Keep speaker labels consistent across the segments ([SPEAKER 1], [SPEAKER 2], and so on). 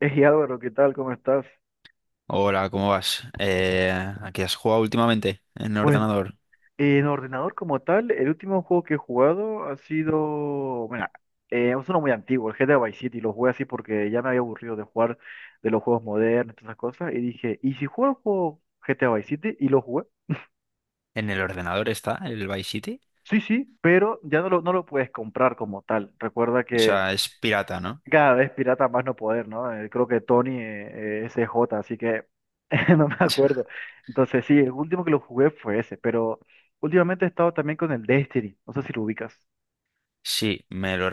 [SPEAKER 1] Hey Álvaro, ¿qué tal? ¿Cómo estás?
[SPEAKER 2] Hola, ¿cómo vas? ¿A qué has jugado últimamente en el
[SPEAKER 1] Pues
[SPEAKER 2] ordenador?
[SPEAKER 1] en ordenador como tal, el último juego que he jugado ha sido, bueno, es uno muy antiguo, el GTA Vice City, lo jugué así porque ya me había aburrido de jugar de los juegos modernos, todas esas cosas, y dije, ¿y si juego el juego GTA Vice City? Y lo jugué.
[SPEAKER 2] ¿En el ordenador está el Vice City?
[SPEAKER 1] Sí, sí, pero ya no lo puedes comprar como tal. Recuerda
[SPEAKER 2] O
[SPEAKER 1] que
[SPEAKER 2] sea, es pirata, ¿no?
[SPEAKER 1] cada vez pirata más no poder, ¿no? Creo que Tony es J, así que no me acuerdo. Entonces sí, el último que lo jugué fue ese, pero últimamente he estado también con el Destiny, no sé si lo ubicas.
[SPEAKER 2] Sí, me lo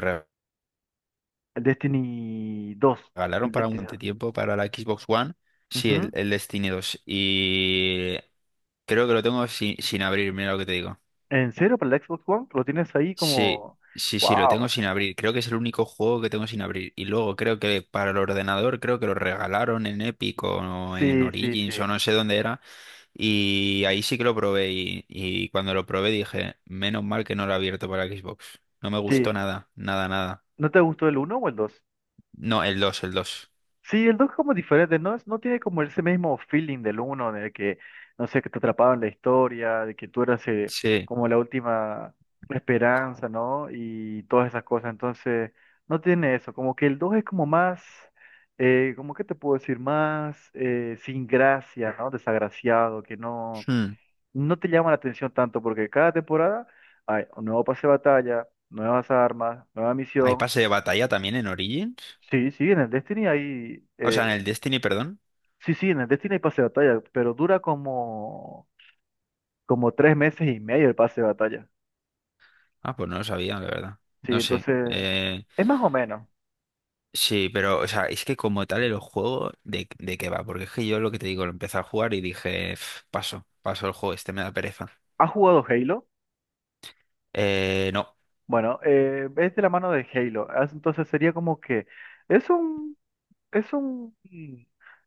[SPEAKER 1] El Destiny 2,
[SPEAKER 2] regalaron
[SPEAKER 1] el
[SPEAKER 2] para
[SPEAKER 1] Destiny
[SPEAKER 2] un
[SPEAKER 1] 2.
[SPEAKER 2] tiempo para la Xbox One. Sí, el,
[SPEAKER 1] Ujú.
[SPEAKER 2] el Destiny dos. Y creo que lo tengo sin abrir, mira lo que te digo.
[SPEAKER 1] ¿En serio para el Xbox One? ¿Lo tienes ahí
[SPEAKER 2] Sí,
[SPEAKER 1] como?
[SPEAKER 2] sí, sí, lo tengo
[SPEAKER 1] ¡Wow!
[SPEAKER 2] sin abrir. Creo que es el único juego que tengo sin abrir. Y luego creo que para el ordenador, creo que lo regalaron en Epic o en
[SPEAKER 1] Sí, sí,
[SPEAKER 2] Origins o
[SPEAKER 1] sí.
[SPEAKER 2] no sé dónde era. Y ahí sí que lo probé y cuando lo probé dije, menos mal que no lo he abierto para Xbox. No me gustó
[SPEAKER 1] Sí.
[SPEAKER 2] nada, nada, nada.
[SPEAKER 1] ¿No te gustó el uno o el 2?
[SPEAKER 2] No, el dos.
[SPEAKER 1] Sí, el 2 es como diferente, no, no tiene como ese mismo feeling del uno de que, no sé, que te atrapaba en la historia, de que tú eras
[SPEAKER 2] Sí.
[SPEAKER 1] como la última esperanza, ¿no? Y todas esas cosas, entonces no tiene eso, como que el 2 es como más, como que te puedo decir, más sin gracia, ¿no? Desagraciado, que no,
[SPEAKER 2] Hmm.
[SPEAKER 1] no te llama la atención tanto, porque cada temporada hay un nuevo pase de batalla, nuevas armas, nueva
[SPEAKER 2] ¿Hay
[SPEAKER 1] misión.
[SPEAKER 2] pase de batalla también en Origins?
[SPEAKER 1] Sí, sí, en el Destiny hay.
[SPEAKER 2] O sea, en el Destiny, perdón.
[SPEAKER 1] Sí, sí, en el Destiny hay pase de batalla, pero dura como 3 meses y medio el pase de batalla.
[SPEAKER 2] Ah, pues no lo sabía, la verdad.
[SPEAKER 1] Sí,
[SPEAKER 2] No sé.
[SPEAKER 1] entonces es más o menos.
[SPEAKER 2] Sí, pero, o sea, es que como tal el juego, de qué va? Porque es que yo lo que te digo, lo empecé a jugar y dije, "Pf, paso, paso el juego, este me da pereza".
[SPEAKER 1] ¿Has jugado Halo?
[SPEAKER 2] No.
[SPEAKER 1] Bueno, es de la mano de Halo. Entonces sería como que es un, es un, mm,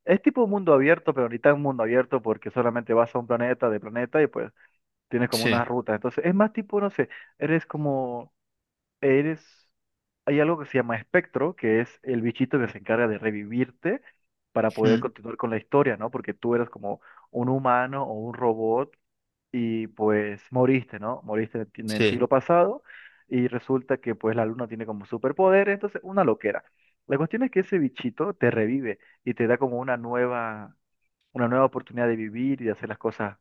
[SPEAKER 1] es tipo un mundo abierto, pero ahorita un mundo abierto porque solamente vas a un planeta de planeta y pues tienes como
[SPEAKER 2] Sí.
[SPEAKER 1] unas rutas. Entonces es más tipo, no sé, eres como eres, hay algo que se llama espectro, que es el bichito que se encarga de revivirte para poder
[SPEAKER 2] Hmm.
[SPEAKER 1] continuar con la historia, ¿no? Porque tú eras como un humano o un robot y pues moriste, ¿no? Moriste en el
[SPEAKER 2] Sí.
[SPEAKER 1] siglo pasado y resulta que pues la luna tiene como superpoderes, entonces una loquera. La cuestión es que ese bichito te revive y te da como una nueva oportunidad de vivir y de hacer las cosas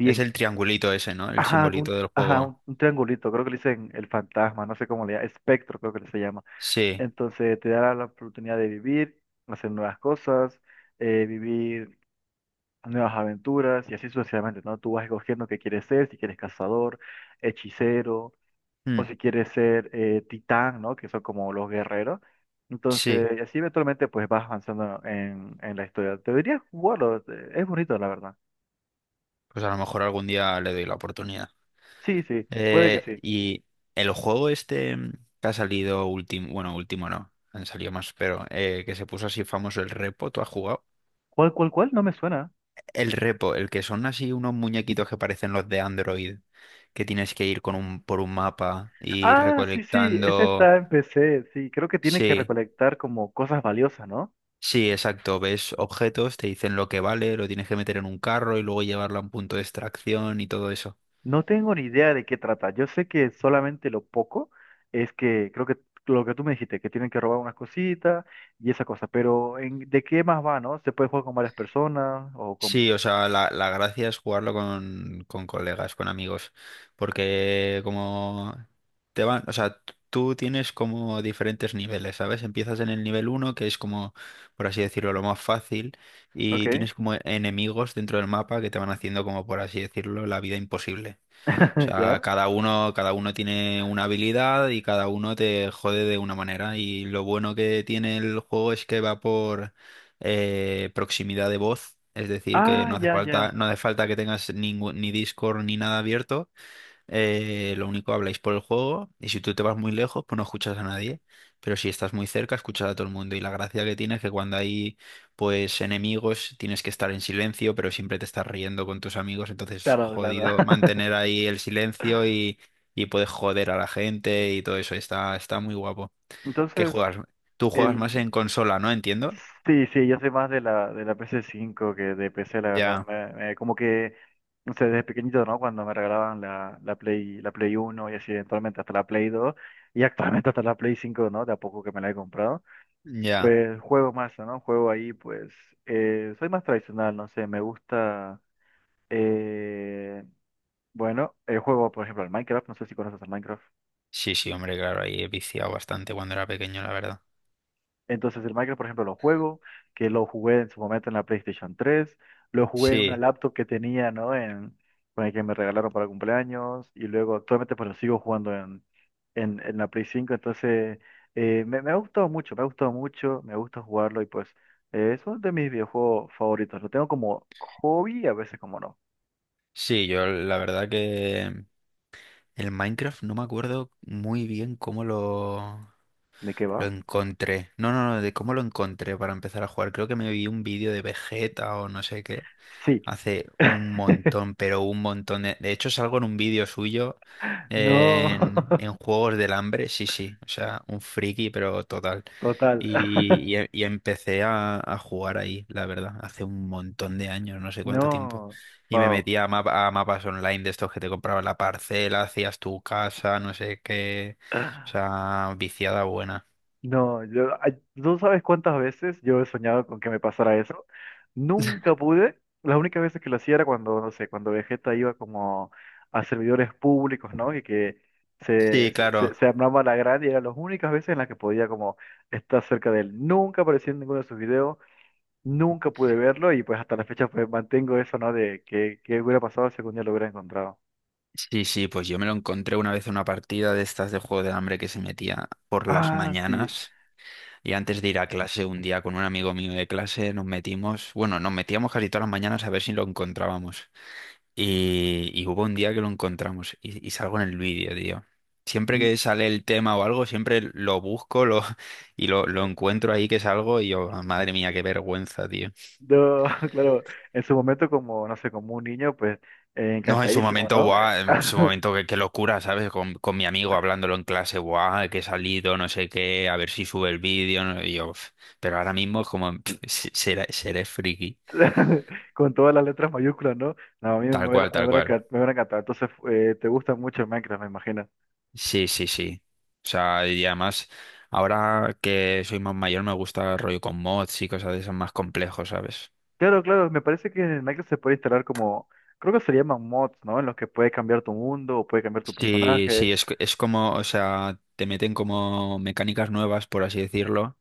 [SPEAKER 2] Es el triangulito ese, ¿no? El
[SPEAKER 1] Ajá,
[SPEAKER 2] simbolito
[SPEAKER 1] un,
[SPEAKER 2] del
[SPEAKER 1] ajá,
[SPEAKER 2] juego.
[SPEAKER 1] un, un triangulito, creo que le dicen el fantasma, no sé cómo le llaman, espectro creo que se llama.
[SPEAKER 2] Sí,
[SPEAKER 1] Entonces te dará la oportunidad de vivir, hacer nuevas cosas, vivir nuevas aventuras y así sucesivamente, ¿no? Tú vas escogiendo qué quieres ser, si quieres cazador, hechicero o
[SPEAKER 2] mm,
[SPEAKER 1] si quieres ser titán, ¿no? Que son como los guerreros.
[SPEAKER 2] sí.
[SPEAKER 1] Entonces, y así eventualmente pues vas avanzando en la historia. Deberías jugarlo, es bonito, la verdad.
[SPEAKER 2] Pues a lo mejor algún día le doy la oportunidad.
[SPEAKER 1] Sí, sí, puede que
[SPEAKER 2] Eh,
[SPEAKER 1] sí.
[SPEAKER 2] y el juego este, que ha salido último, bueno, último no, han salido más, pero que se puso así famoso, el Repo, ¿tú has jugado?
[SPEAKER 1] ¿Cuál? No me suena.
[SPEAKER 2] El Repo, el que son así unos muñequitos que parecen los de Android, que tienes que ir por un mapa y
[SPEAKER 1] Ah, sí, sí, ese
[SPEAKER 2] recolectando.
[SPEAKER 1] está en PC, sí, creo que tiene que
[SPEAKER 2] Sí.
[SPEAKER 1] recolectar como cosas valiosas, ¿no?
[SPEAKER 2] Sí, exacto. Ves objetos, te dicen lo que vale, lo tienes que meter en un carro y luego llevarlo a un punto de extracción y todo eso.
[SPEAKER 1] No tengo ni idea de qué trata, yo sé que solamente lo poco es que, creo que lo que tú me dijiste, que tienen que robar unas cositas y esa cosa, pero ¿de qué más va, no? ¿Se puede jugar con varias personas o cómo?
[SPEAKER 2] Sí, o sea, la gracia es jugarlo con colegas, con amigos, porque como te van, o sea, tú tienes como diferentes niveles, ¿sabes? Empiezas en el nivel uno que es como, por así decirlo, lo más fácil,
[SPEAKER 1] Ok,
[SPEAKER 2] y tienes como enemigos dentro del mapa que te van haciendo como, por así decirlo, la vida imposible. O sea,
[SPEAKER 1] ¿ya?
[SPEAKER 2] cada uno tiene una habilidad y cada uno te jode de una manera. Y lo bueno que tiene el juego es que va por proximidad de voz. Es decir, que
[SPEAKER 1] Ah,
[SPEAKER 2] no hace
[SPEAKER 1] ya,
[SPEAKER 2] falta,
[SPEAKER 1] ya,
[SPEAKER 2] no hace falta que tengas ningún, ni Discord ni nada abierto, lo único habláis por el juego y si tú te vas muy lejos, pues no escuchas a nadie. Pero si estás muy cerca, escuchas a todo el mundo. Y la gracia que tiene es que cuando hay pues enemigos, tienes que estar en silencio, pero siempre te estás riendo con tus amigos. Entonces,
[SPEAKER 1] claro, claro.
[SPEAKER 2] jodido mantener ahí el silencio , y puedes joder a la gente y todo eso. Está, está muy guapo. ¿Qué
[SPEAKER 1] Entonces,
[SPEAKER 2] juegas? Tú juegas más
[SPEAKER 1] el.
[SPEAKER 2] en consola, ¿no? Entiendo.
[SPEAKER 1] Sí, sí, yo soy más de la PS5 que de PC, la verdad.
[SPEAKER 2] Ya,
[SPEAKER 1] Como que, no sé, desde pequeñito, ¿no? Cuando me regalaban la Play uno y así, eventualmente hasta la Play 2 y actualmente hasta la Play 5, ¿no? De a poco que me la he comprado.
[SPEAKER 2] ya.
[SPEAKER 1] Pues juego más, ¿no? Juego ahí, pues, soy más tradicional, no sé, me gusta, eh, bueno, juego, por ejemplo, al Minecraft, no sé si conoces al Minecraft.
[SPEAKER 2] Sí, sí, hombre, claro, ahí he viciado bastante cuando era pequeño, la verdad.
[SPEAKER 1] Entonces el Minecraft, por ejemplo, lo juego, que lo jugué en su momento en la PlayStation 3, lo jugué en una
[SPEAKER 2] Sí,
[SPEAKER 1] laptop que tenía, ¿no? Con el que me regalaron para cumpleaños, y luego actualmente pues lo sigo jugando en la Play 5, entonces me ha gustado mucho, me ha gustado mucho, me gusta jugarlo y pues es uno de mis videojuegos favoritos, lo tengo como hobby y a veces como no.
[SPEAKER 2] sí, yo la verdad que el Minecraft no me acuerdo muy bien cómo lo,
[SPEAKER 1] ¿De qué
[SPEAKER 2] lo
[SPEAKER 1] va?
[SPEAKER 2] encontré. No, no, no, de cómo lo encontré para empezar a jugar. Creo que me vi un vídeo de Vegeta o no sé qué.
[SPEAKER 1] Sí.
[SPEAKER 2] Hace un montón, pero un montón. De hecho, salgo en un vídeo suyo
[SPEAKER 1] No,
[SPEAKER 2] en Juegos del Hambre. Sí, sí. O sea, un friki, pero total.
[SPEAKER 1] total.
[SPEAKER 2] Y empecé a jugar ahí, la verdad. Hace un montón de años, no sé cuánto tiempo.
[SPEAKER 1] No,
[SPEAKER 2] Y me
[SPEAKER 1] wow.
[SPEAKER 2] metía a mapas online de estos que te compraban la parcela, hacías tu casa, no sé qué. O sea, viciada buena.
[SPEAKER 1] No, yo, ay, tú sabes cuántas veces yo he soñado con que me pasara eso. Nunca pude. Las únicas veces que lo hacía era cuando, no sé, cuando Vegeta iba como a servidores públicos, ¿no? Y que se,
[SPEAKER 2] Sí,
[SPEAKER 1] se, se,
[SPEAKER 2] claro.
[SPEAKER 1] se armaba la grande y eran las únicas veces en las que podía como estar cerca de él. Nunca apareció en ninguno de sus videos, nunca pude verlo y pues hasta la fecha pues mantengo eso, ¿no? De que hubiera pasado si algún día lo hubiera encontrado.
[SPEAKER 2] Sí, sí, pues yo me lo encontré una vez en una partida de estas de Juego del Hambre que se metía por las
[SPEAKER 1] Ah, sí.
[SPEAKER 2] mañanas. Y antes de ir a clase, un día con un amigo mío de clase nos metimos, bueno, nos metíamos casi todas las mañanas a ver si lo encontrábamos. Y hubo un día que lo encontramos y salgo en el vídeo, tío. Siempre que sale el tema o algo, siempre lo busco, y lo encuentro ahí que salgo y yo, "Ah, madre mía, qué vergüenza, tío".
[SPEAKER 1] No, claro, en su momento como, no sé, como un niño, pues
[SPEAKER 2] No, en su
[SPEAKER 1] encantadísimo,
[SPEAKER 2] momento,
[SPEAKER 1] ¿no?
[SPEAKER 2] buah, en su momento, qué, qué locura, ¿sabes? Con mi amigo hablándolo en clase, buah, que he salido, no sé qué, a ver si sube el vídeo, y yo, "Uf". Pero ahora mismo es como, pff, seré friki,
[SPEAKER 1] Con todas las letras mayúsculas, ¿no? No, a mí me
[SPEAKER 2] tal
[SPEAKER 1] hubiera,
[SPEAKER 2] cual,
[SPEAKER 1] me
[SPEAKER 2] tal
[SPEAKER 1] hubiera
[SPEAKER 2] cual.
[SPEAKER 1] encan- me hubiera encantado. Entonces, te gusta mucho Minecraft, me imagino.
[SPEAKER 2] Sí, sí, sí. O sea, y además, ahora que soy más mayor me gusta rollo con mods y cosas de esas más complejos, ¿sabes?
[SPEAKER 1] Claro, claro, me parece que en Minecraft se puede instalar como, creo que se llaman mods, ¿no? En los que puedes cambiar tu mundo o puedes cambiar tu
[SPEAKER 2] Sí,
[SPEAKER 1] personaje.
[SPEAKER 2] sí, es como, o sea, te meten como mecánicas nuevas, por así decirlo,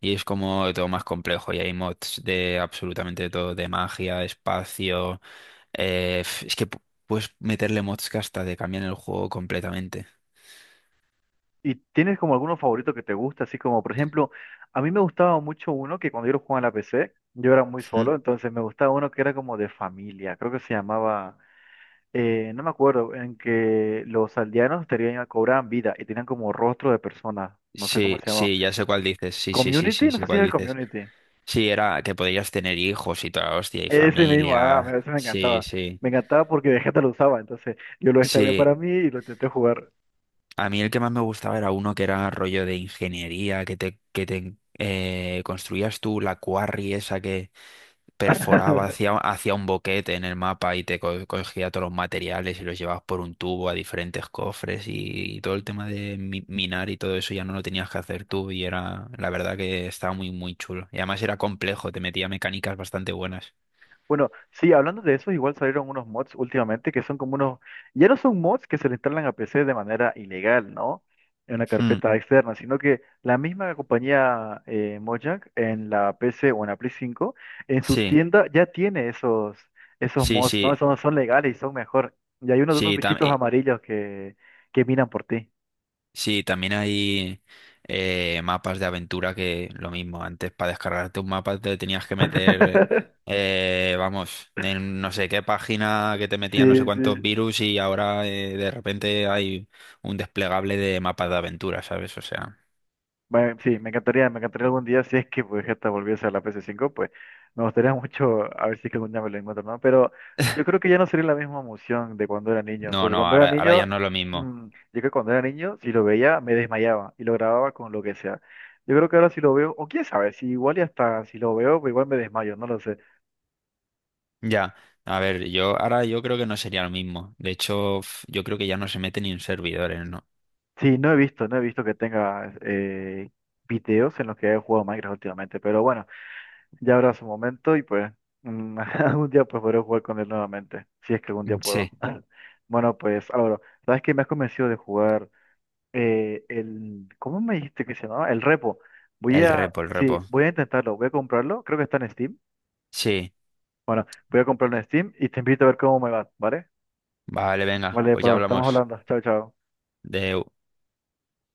[SPEAKER 2] y es como todo más complejo. Y hay mods de absolutamente todo, de magia, espacio. eh, f- es que pu- Puedes meterle mods que hasta te cambian el juego completamente.
[SPEAKER 1] ¿Y tienes como alguno favorito que te gusta? Así como, por ejemplo, a mí me gustaba mucho uno que cuando yo lo jugaba en la PC, yo era muy
[SPEAKER 2] Mm.
[SPEAKER 1] solo, entonces me gustaba uno que era como de familia, creo que se llamaba. No me acuerdo, en que los aldeanos tenían, cobraban vida y tenían como rostro de personas, no sé cómo
[SPEAKER 2] Sí,
[SPEAKER 1] se llamaba.
[SPEAKER 2] sí, ya sé cuál dices. Sí, sí, sí,
[SPEAKER 1] ¿Community?
[SPEAKER 2] sí,
[SPEAKER 1] No sé
[SPEAKER 2] sé
[SPEAKER 1] si
[SPEAKER 2] cuál
[SPEAKER 1] era el
[SPEAKER 2] dices.
[SPEAKER 1] Community.
[SPEAKER 2] Sí, era que podías tener hijos y toda la hostia, y
[SPEAKER 1] Ese mismo, ah,
[SPEAKER 2] familia.
[SPEAKER 1] ese me
[SPEAKER 2] Sí,
[SPEAKER 1] encantaba.
[SPEAKER 2] sí.
[SPEAKER 1] Me encantaba porque de gente lo usaba, entonces yo lo descargué
[SPEAKER 2] Sí,
[SPEAKER 1] para mí y lo intenté jugar.
[SPEAKER 2] a mí el que más me gustaba era uno que era rollo de ingeniería, que te construías tú la quarry esa que perforaba hacia, hacia un boquete en el mapa y cogía todos los materiales y los llevabas por un tubo a diferentes cofres y todo el tema de minar y todo eso ya no lo tenías que hacer tú y era, la verdad que estaba muy, muy chulo. Y además era complejo, te metía mecánicas bastante buenas.
[SPEAKER 1] Bueno, sí, hablando de eso, igual salieron unos mods últimamente que son como unos, ya no son mods que se le instalan a PC de manera ilegal, ¿no? En una
[SPEAKER 2] Mm,
[SPEAKER 1] carpeta externa, sino que la misma compañía Mojang en la PC o en la Play 5 en su
[SPEAKER 2] sí,
[SPEAKER 1] tienda ya tiene esos
[SPEAKER 2] sí,
[SPEAKER 1] mods,
[SPEAKER 2] sí.
[SPEAKER 1] ¿no? Esos no son legales y son mejor. Y hay unos de unos
[SPEAKER 2] Sí,
[SPEAKER 1] bichitos amarillos que miran por ti.
[SPEAKER 2] sí, también hay mapas de aventura que lo mismo, antes para descargarte un mapa te tenías que meter, vamos, en no sé qué página que te metían no sé
[SPEAKER 1] Sí,
[SPEAKER 2] cuántos
[SPEAKER 1] sí,
[SPEAKER 2] virus y ahora de repente hay un desplegable de mapas de aventura, ¿sabes? O sea,
[SPEAKER 1] bueno, sí, me encantaría algún día, si es que pues esta volviese a la PS5, pues me gustaría mucho a ver si es que algún día me lo encuentro, ¿no? Pero yo creo que ya no sería la misma emoción de cuando era niño,
[SPEAKER 2] no,
[SPEAKER 1] porque
[SPEAKER 2] no,
[SPEAKER 1] cuando era
[SPEAKER 2] ahora, ahora ya
[SPEAKER 1] niño,
[SPEAKER 2] no es lo mismo.
[SPEAKER 1] yo creo que cuando era niño, si lo veía, me desmayaba y lo grababa con lo que sea. Yo creo que ahora si lo veo, o quién sabe, si igual y hasta si lo veo, pues igual me desmayo, no lo sé.
[SPEAKER 2] Ya, a ver, yo ahora yo creo que no sería lo mismo. De hecho, yo creo que ya no se mete ni en servidores, ¿no?
[SPEAKER 1] Sí, no he visto que tenga videos en los que haya jugado Minecraft últimamente, pero bueno. Ya habrá su momento y pues algún día pues podré jugar con él nuevamente, si es que algún día
[SPEAKER 2] Mm,
[SPEAKER 1] puedo.
[SPEAKER 2] sí,
[SPEAKER 1] Bueno, pues Álvaro, ¿sabes que me has convencido de jugar el. ¿Cómo me dijiste que se llamaba? El repo. Voy
[SPEAKER 2] el
[SPEAKER 1] a.
[SPEAKER 2] repo, el
[SPEAKER 1] Sí,
[SPEAKER 2] repo.
[SPEAKER 1] voy a intentarlo, voy a comprarlo, creo que está en Steam.
[SPEAKER 2] Sí,
[SPEAKER 1] Bueno, voy a comprarlo en Steam y te invito a ver cómo me va, ¿vale?
[SPEAKER 2] vale, venga,
[SPEAKER 1] Vale,
[SPEAKER 2] pues ya
[SPEAKER 1] pues estamos
[SPEAKER 2] hablamos
[SPEAKER 1] hablando. Chao, chao.
[SPEAKER 2] de...